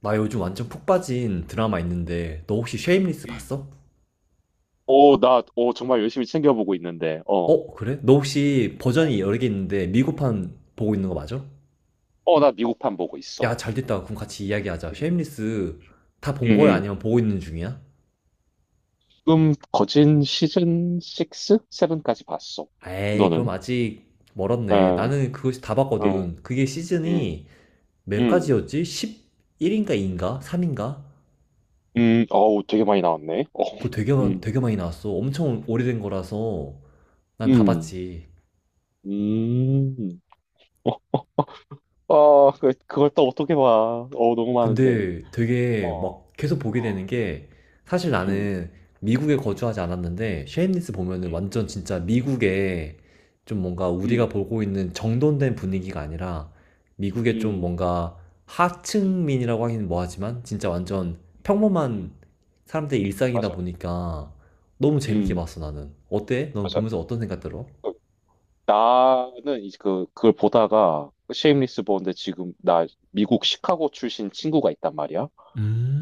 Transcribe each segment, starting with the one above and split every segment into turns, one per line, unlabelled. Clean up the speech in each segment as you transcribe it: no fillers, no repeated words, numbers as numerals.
나 요즘 완전 푹 빠진 드라마 있는데 너 혹시 쉐임리스
음.
봤어?
정말 열심히 챙겨보고 있는데,
어 그래? 너 혹시 버전이 여러 개 있는데 미국판 보고 있는 거 맞아?
나 미국판 보고
야
있어.
잘됐다. 그럼 같이 이야기하자
음,
쉐임리스. 다
음,
본 거야
음.
아니면 보고 있는 중이야?
지금 거진 시즌 6? 7까지 봤어.
에이 그럼
너는?
아직 멀었네.
에,
나는 그거 다
음,
봤거든. 그게
음,
시즌이 몇
음,
가지였지? 11인가 2인가? 3인가?
어우, 되게 많이 나왔네.
그거 되게,
음,
되게 많이 나왔어. 엄청 오래된 거라서 난 다
음,
봤지.
음. 그걸 또 어떻게 봐. 너무 많은데.
근데
어,
되게 막 계속 보게 되는
어,
게, 사실
음,
나는 미국에
음,
거주하지 않았는데 쉐임리스 보면은 완전 진짜 미국의 좀 뭔가
음,
우리가 보고 있는 정돈된 분위기가 아니라 미국의 좀
음,
뭔가
음,
하층민이라고 하긴 뭐하지만 진짜 완전
음, 음,
평범한 사람들의 일상이다
맞아.
보니까 너무 재밌게
음,
봤어 나는. 어때? 넌
맞아.
보면서 어떤 생각 들어?
나는 이제 그걸 보다가 쉐임리스 보는데 지금 나 미국 시카고 출신 친구가 있단 말이야.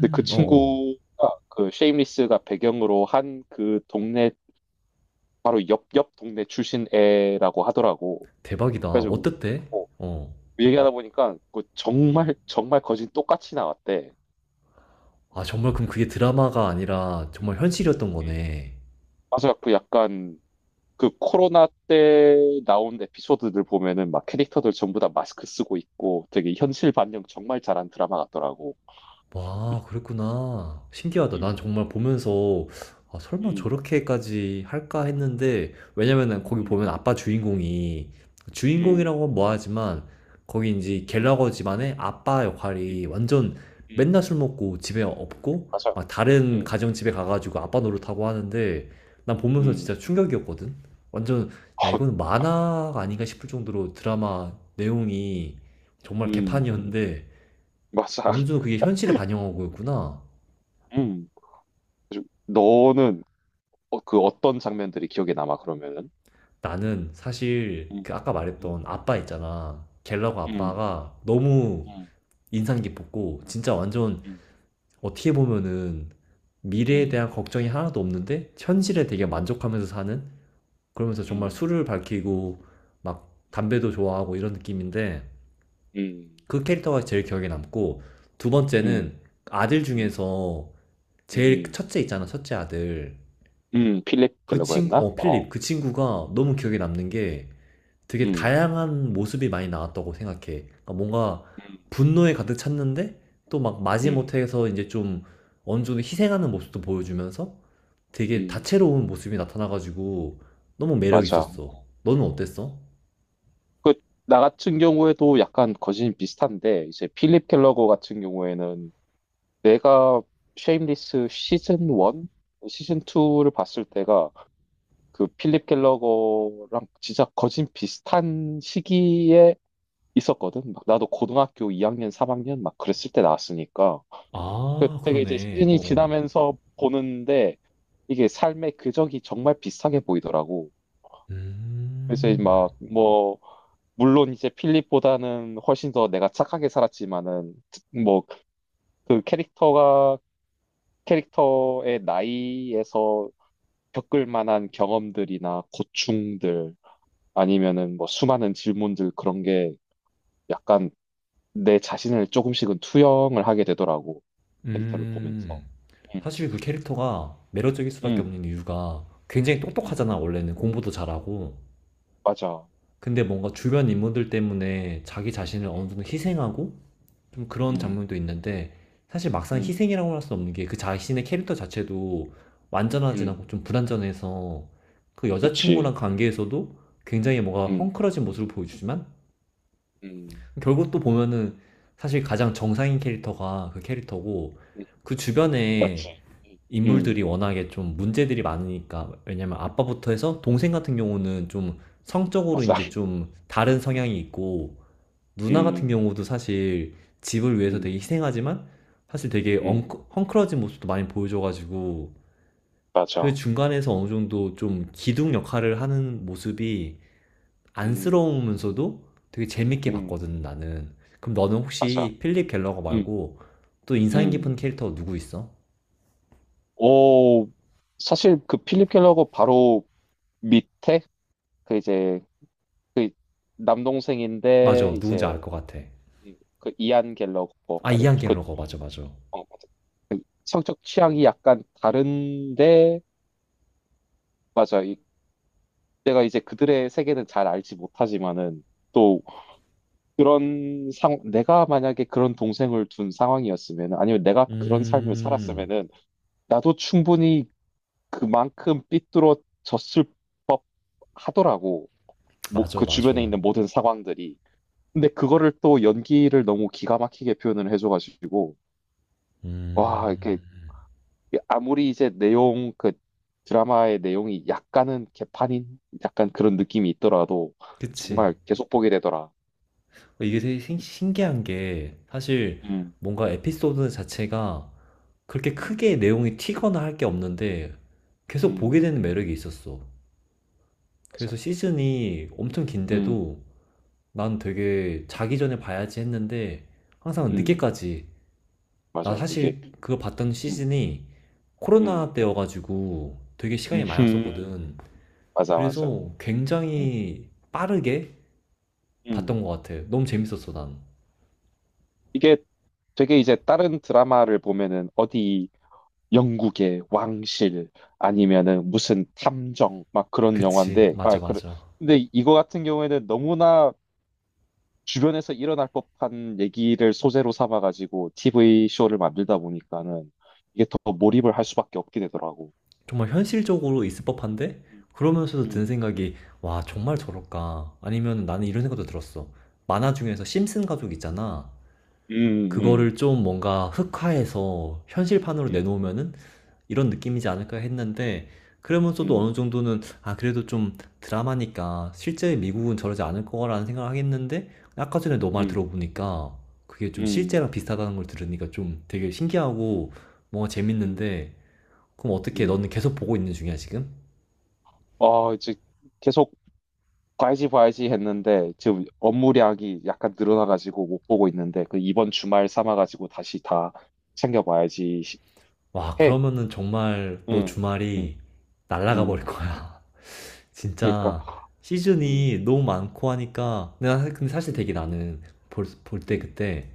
근데 그
어어.
친구가 그 쉐임리스가 배경으로 한 그 동네 바로 옆 동네 출신 애라고 하더라고.
대박이다.
그래가지고
어땠대?
어,
어.
얘기하다 보니까 그 정말 정말 거진 똑같이 나왔대.
아, 정말? 그럼 그게 드라마가 아니라 정말
음,
현실이었던
음.
거네.
맞아, 그 약간 그 코로나 때 나온 에피소드들 보면은 막 캐릭터들 전부 다 마스크 쓰고 있고 되게 현실 반영 정말 잘한 드라마 같더라고.
와, 그랬구나. 신기하다. 난
음,
정말 보면서 아, 설마
음,
저렇게까지 할까 했는데. 왜냐면은 거기
음,
보면 아빠 주인공이,
음,
주인공이라고 하면 뭐하지만, 거기 이제
음,
갤러거 집안의 아빠 역할이
음,
완전
음.
맨날 술 먹고 집에 없고
맞아.
막 다른
음,
가정 집에 가가지고 아빠 노릇하고 하는데 난 보면서
음,
진짜 충격이었거든. 완전 야
어,
이거는 만화가 아닌가 싶을 정도로 드라마 내용이 정말
음,
개판이었는데
맞아.
어느 정도 그게 현실을 반영하고 있구나.
음. 그래서 너는 그 어떤 장면들이 기억에 남아, 그러면은?
나는 사실
음,
그 아까
음,
말했던 아빠 있잖아. 갤러거
음,
아빠가 너무
음,
인상 깊었고, 진짜 완전
음,
어떻게 보면은 미래에 대한
음,
걱정이 하나도 없는데 현실에 되게
음,
만족하면서 사는, 그러면서 정말
음,
술을 밝히고 막 담배도 좋아하고 이런 느낌인데
음,
그 캐릭터가 제일 기억에 남고, 두
음,
번째는 아들
음,
중에서 제일
음,
첫째 있잖아, 첫째 아들.
필립
그 친구
갤러거였나?
어
어.
필립, 그 친구가 너무 기억에 남는 게 되게
음,
다양한 모습이 많이 나왔다고 생각해. 그러니까 뭔가
음,
분노에 가득 찼는데 또 막
음,
마지못해서 이제 좀 어느 정도 희생하는 모습도 보여주면서 되게
음,
다채로운 모습이 나타나가지고 너무 매력
맞아.
있었어. 너는 어땠어?
그, 나 같은 경우에도 약간 거진 비슷한데, 이제 필립 켈러거 같은 경우에는 내가 쉐임리스 시즌 1? 시즌 2를 봤을 때가 그 필립 켈러거랑 진짜 거진 비슷한 시기에 있었거든. 막 나도 고등학교 2학년, 3학년 막 그랬을 때 나왔으니까.
아,
그때가 이제
그러네. 어,
시즌이
어.
지나면서 보는데 이게 삶의 궤적이 정말 비슷하게 보이더라고. 그래서
음,
막뭐 물론 이제 필립보다는 훨씬 더 내가 착하게 살았지만은 뭐 그 캐릭터가 캐릭터의 나이에서 겪을 만한 경험들이나 고충들 아니면은 뭐 수많은 질문들 그런 게 약간 내 자신을 조금씩은 투영을 하게 되더라고 캐릭터를 보면서.
음,
음,
사실 그 캐릭터가 매력적일 수밖에
음,
없는 이유가 굉장히
음,
똑똑하잖아, 원래는. 공부도 잘하고.
맞아.
근데 뭔가 주변 인물들 때문에 자기 자신을 어느
음,
정도 희생하고 좀 그런
음,
장면도 있는데, 사실 막상
음,
희생이라고 할 수 없는 게 그 자신의 캐릭터 자체도 완전하진
음,
않고 좀 불완전해서, 그 여자친구랑
그치.
관계에서도 굉장히 뭔가
음,
헝클어진 모습을 보여주지만
음,
결국 또 보면은 사실 가장 정상인 캐릭터가 그 캐릭터고,
음,
그 주변에
맞지.
인물들이
음,
워낙에 좀 문제들이 많으니까. 왜냐면 아빠부터 해서 동생 같은 경우는 좀 성적으로
맞아.
이제 좀 다른
음,
성향이 있고, 누나 같은
음,
경우도 사실 집을 위해서 되게
음,
희생하지만 사실 되게
음,
엉크, 헝클어진 모습도 많이 보여줘가지고 그
맞아.
중간에서 어느 정도 좀 기둥 역할을 하는 모습이
음,
안쓰러우면서도 되게 재밌게
음,
봤거든 나는. 그럼 너는
맞아.
혹시 필립 갤러거
음,
말고 또 인상 깊은
음.
캐릭터 누구 있어?
오, 사실 그 필립 켈러고 바로 밑에 그 이제 그
맞아,
남동생인데
누군지
이제
알 것 같아.
그 이안 갤러거
아
맞아.
이안
그
갤러거 맞아 맞아.
어, 맞아. 그 성적 취향이 약간 다른데 맞아. 이, 내가 이제 그들의 세계는 잘 알지 못하지만은 또 그런 상 내가 만약에 그런 동생을 둔 상황이었으면 아니면 내가 그런 삶을
음
살았으면은 나도 충분히 그만큼 삐뚤어졌을 하더라고. 뭐,
맞아
그 주변에
맞아.
있는 모든 상황들이. 근데 그거를 또 연기를 너무 기가 막히게 표현을 해줘가지고, 와, 이렇게,
음
아무리 이제 내용, 그 드라마의 내용이 약간은 개판인? 약간 그런 느낌이 있더라도,
그치.
정말 계속 보게 되더라.
그러니까 이게 되게 신기한 게 사실
음,
뭔가 에피소드 자체가 그렇게
음,
크게 내용이 튀거나 할 게 없는데 계속 보게
음,
되는 매력이 있었어.
맞아.
그래서 시즌이 엄청
음,
긴데도 난
음,
되게 자기 전에 봐야지 했는데 항상
음,
늦게까지. 나
맞아. 이게,
사실 그거 봤던
음,
시즌이
음,
코로나
음,
때여가지고 되게 시간이 많았었거든.
맞아, 맞아.
그래서
음,
굉장히 빠르게 봤던
음.
것 같아. 너무 재밌었어, 난.
이게 되게 이제 다른 드라마를 보면은 어디 영국의 왕실 아니면은 무슨 탐정 막 그런
그치.
영화인데 아
맞아,
그래.
맞아.
근데 이거 같은 경우에는 너무나 주변에서 일어날 법한 얘기를 소재로 삼아가지고 TV 쇼를 만들다 보니까는 이게 더 몰입을 할 수밖에 없게 되더라고.
정말 현실적으로 있을 법한데
음,
그러면서도 드는
음,
생각이, 와 정말 저럴까 아니면 나는 이런 생각도 들었어. 만화 중에서
음,
심슨 가족 있잖아,
음,
그거를 좀 뭔가 흑화해서 현실판으로
음,
내놓으면은 이런 느낌이지 않을까 했는데.
음,
그러면서도
음,
어느 정도는 아 그래도 좀 드라마니까 실제 미국은 저러지 않을 거라는 생각을 하겠는데, 아까 전에 너
음,
말
음,
들어보니까 그게 좀
음,
실제랑 비슷하다는 걸 들으니까 좀 되게 신기하고 뭔가
음.
재밌는데. 그럼 어떻게,
음.
너는 계속 보고 있는 중이야 지금?
아, 이제 계속 봐야지 봐야지 했는데 지금 업무량이 약간 늘어나가지고 못 보고 있는데 그 이번 주말 삼아가지고 다시 다 챙겨봐야지
와,
해.
그러면은 정말 너
응, 응,
주말이 날아가
응.
버릴 거야.
그러니까,
진짜
응,
시즌이 너무 많고 하니까. 근데 나- 근데 사실
응,
되게 나는 볼, 볼 때
응,
그때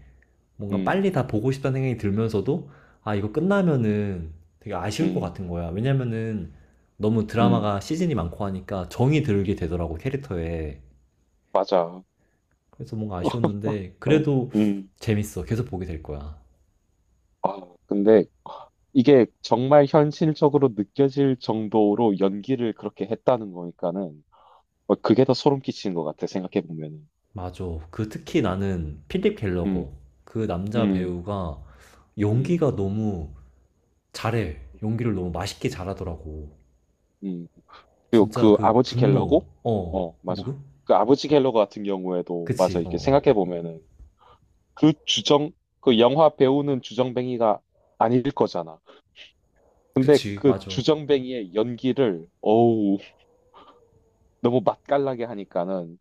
뭔가 빨리
응,
다 보고 싶다는 생각이 들면서도 아, 이거
응,
끝나면은 되게 아쉬울 것
응,
같은 거야. 왜냐면은 너무
응.
드라마가 시즌이 많고 하니까 정이 들게 되더라고, 캐릭터에.
맞아.
그래서 뭔가 아쉬웠는데 그래도
응.
재밌어. 계속 보게 될 거야.
근데 이게 정말 현실적으로 느껴질 정도로 연기를 그렇게 했다는 거니까는 어, 그게 더 소름 끼치는 것 같아 생각해 보면은.
맞아. 그 특히 나는 필립
응,
갤러거, 그 남자
응,
배우가
응,
연기가 너무 잘해. 연기를 너무 맛있게 잘하더라고.
응. 그리고
진짜
그
그
아버지
분노.
갤러고,
어.
어, 맞아.
누구?
그 아버지 갤러 같은 경우에도, 맞아.
그치. 어.
이게
어.
생각해 보면은 그 주정, 그 영화 배우는 주정뱅이가 아닐 거잖아. 근데
그치.
그
맞아.
주정뱅이의 연기를, 어우, 너무 맛깔나게 하니까는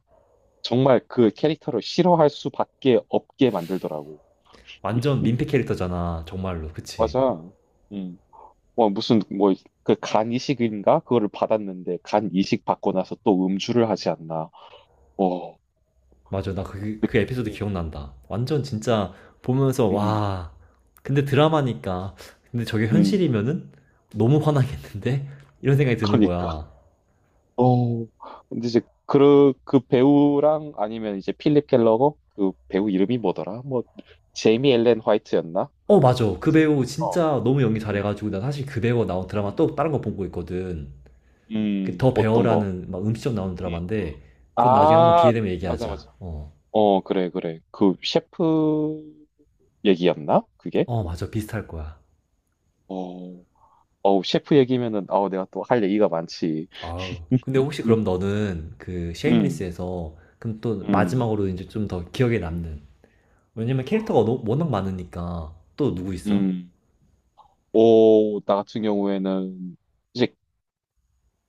정말 그 캐릭터를 싫어할 수밖에 없게 만들더라고.
완전 민폐 캐릭터잖아. 정말로. 그치.
맞아. 음. 뭐 그 간 이식인가 그거를 받았는데 간 이식 받고 나서 또 음주를 하지 않나. 어.
맞아. 나 그, 그 에피소드
네.
기억난다. 완전
음.
진짜 보면서
음.
와. 근데 드라마니까. 근데 저게
음.
현실이면은 너무 화나겠는데? 이런 생각이 드는
그러니까.
거야.
어. 근데 이제 그, 그 배우랑 아니면 이제 필립 켈러거 그 배우 이름이 뭐더라? 뭐 제이미 엘렌 화이트였나?
어, 맞아. 그
제-
배우
어.
진짜 너무 연기
음.
잘해가지고, 나 사실 그 배우가 나온 드라마
음.
또 다른 거 보고 있거든. 그더
어떤 거?
배어라는 막 음식점 나오는
음.
드라마인데, 그건 나중에 한번
아,
기회 되면
맞아
얘기하자.
맞아.
어.
어, 그래 그래. 그 셰프 얘기였나? 그게?
어, 맞아. 비슷할 거야.
어. 어우, 셰프 얘기면은 아우 내가 또 할 얘기가 많지.
아우. 근데 혹시
음.
그럼 너는 그
음.
쉐임리스에서, 그럼 또
음.
마지막으로 이제 좀 더 기억에 남는. 왜냐면 캐릭터가 너- 워낙 많으니까, 또 누구 있어?
음. 오, 나 같은 경우에는 이제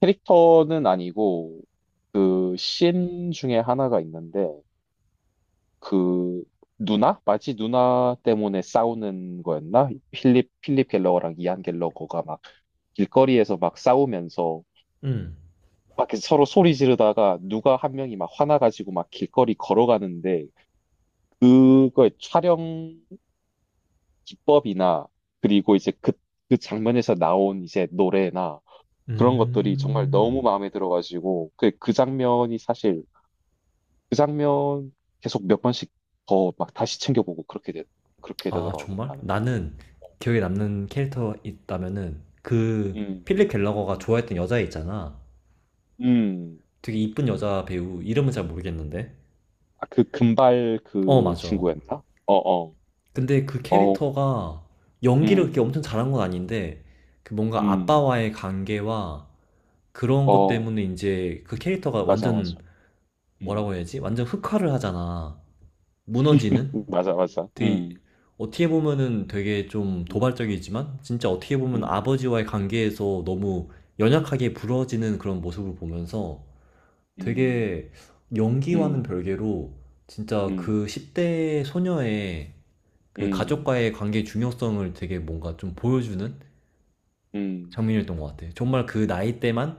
캐릭터는 아니고 그씬 중에 하나가 있는데 그 누나? 마치 누나 때문에 싸우는 거였나? 필립 갤러거랑 이안 갤러거가 막 길거리에서 막 싸우면서
응.
막 이렇게 서로 소리 지르다가 누가 한 명이 막 화나가지고 막 길거리 걸어가는데 그거의 촬영 기법이나 그리고 이제 그, 그 장면에서 나온 이제 노래나
음.
그런 것들이 정말
음.
너무 마음에 들어가지고 그 장면이 사실 그 장면 계속 몇 번씩 더 막 다시 챙겨보고 그렇게
아,
되더라고
정말?
나는.
나는 기억에
음,
남는 캐릭터 있다면은 그
음,
필립 갤러거가
음.
좋아했던 여자 있잖아.
음.
되게 이쁜 여자, 배우 이름은 잘 모르겠는데.
아, 그 금발
어,
그
맞아.
친구였나?
근데 그
어,
캐릭터가 연기를 그렇게
음,
엄청 잘한 건 아닌데, 그 뭔가
음,
아빠와의 관계와 그런 것
어,
때문에 이제 그 캐릭터가
맞아, 맞아,
완전, 뭐라고
음,
해야지? 완전 흑화를 하잖아. 무너지는?
맞아, 맞아,
되게 어떻게 보면은 되게 좀
음,
도발적이지만 진짜 어떻게 보면
음,
아버지와의 관계에서 너무 연약하게 부러지는 그런 모습을 보면서
음,
되게 연기와는
음,
별개로 진짜
음,
그 10대 소녀의 그
음,
가족과의 관계의 중요성을 되게 뭔가 좀 보여주는
음, 음,
장면이었던 것 같아. 요 정말 그 나이 때만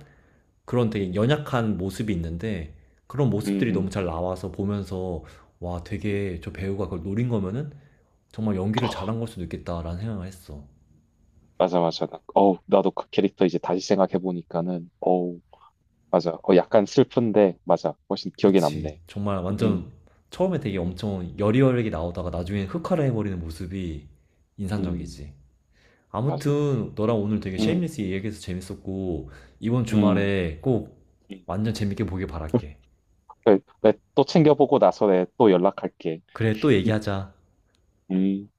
그런 되게 연약한 모습이 있는데 그런
음, 음.
모습들이 너무
음,
잘 나와서 보면서 와,
음.
되게 저 배우가 그걸 노린 거면은 정말 연기를 잘한 걸 수도 있겠다라는 생각을 했어.
맞아, 맞아. 나, 어우, 나도 그 캐릭터 이제 다시 생각해보니까는, 맞아. 어, 약간 슬픈데, 맞아. 훨씬 기억에
그치.
남네.
정말
음,
완전 처음에 되게
음,
엄청 여리여리하게 나오다가 나중에 흑화를 해버리는 모습이
음,
인상적이지.
맞아.
아무튼 너랑 오늘 되게
음,
쉐임리스 얘기해서 재밌었고 이번
음,
주말에 꼭
음.
완전 재밌게 보길 바랄게.
그래, 내또 챙겨보고 나서 내 또 연락할게.
그래, 또
음.
얘기하자.
음.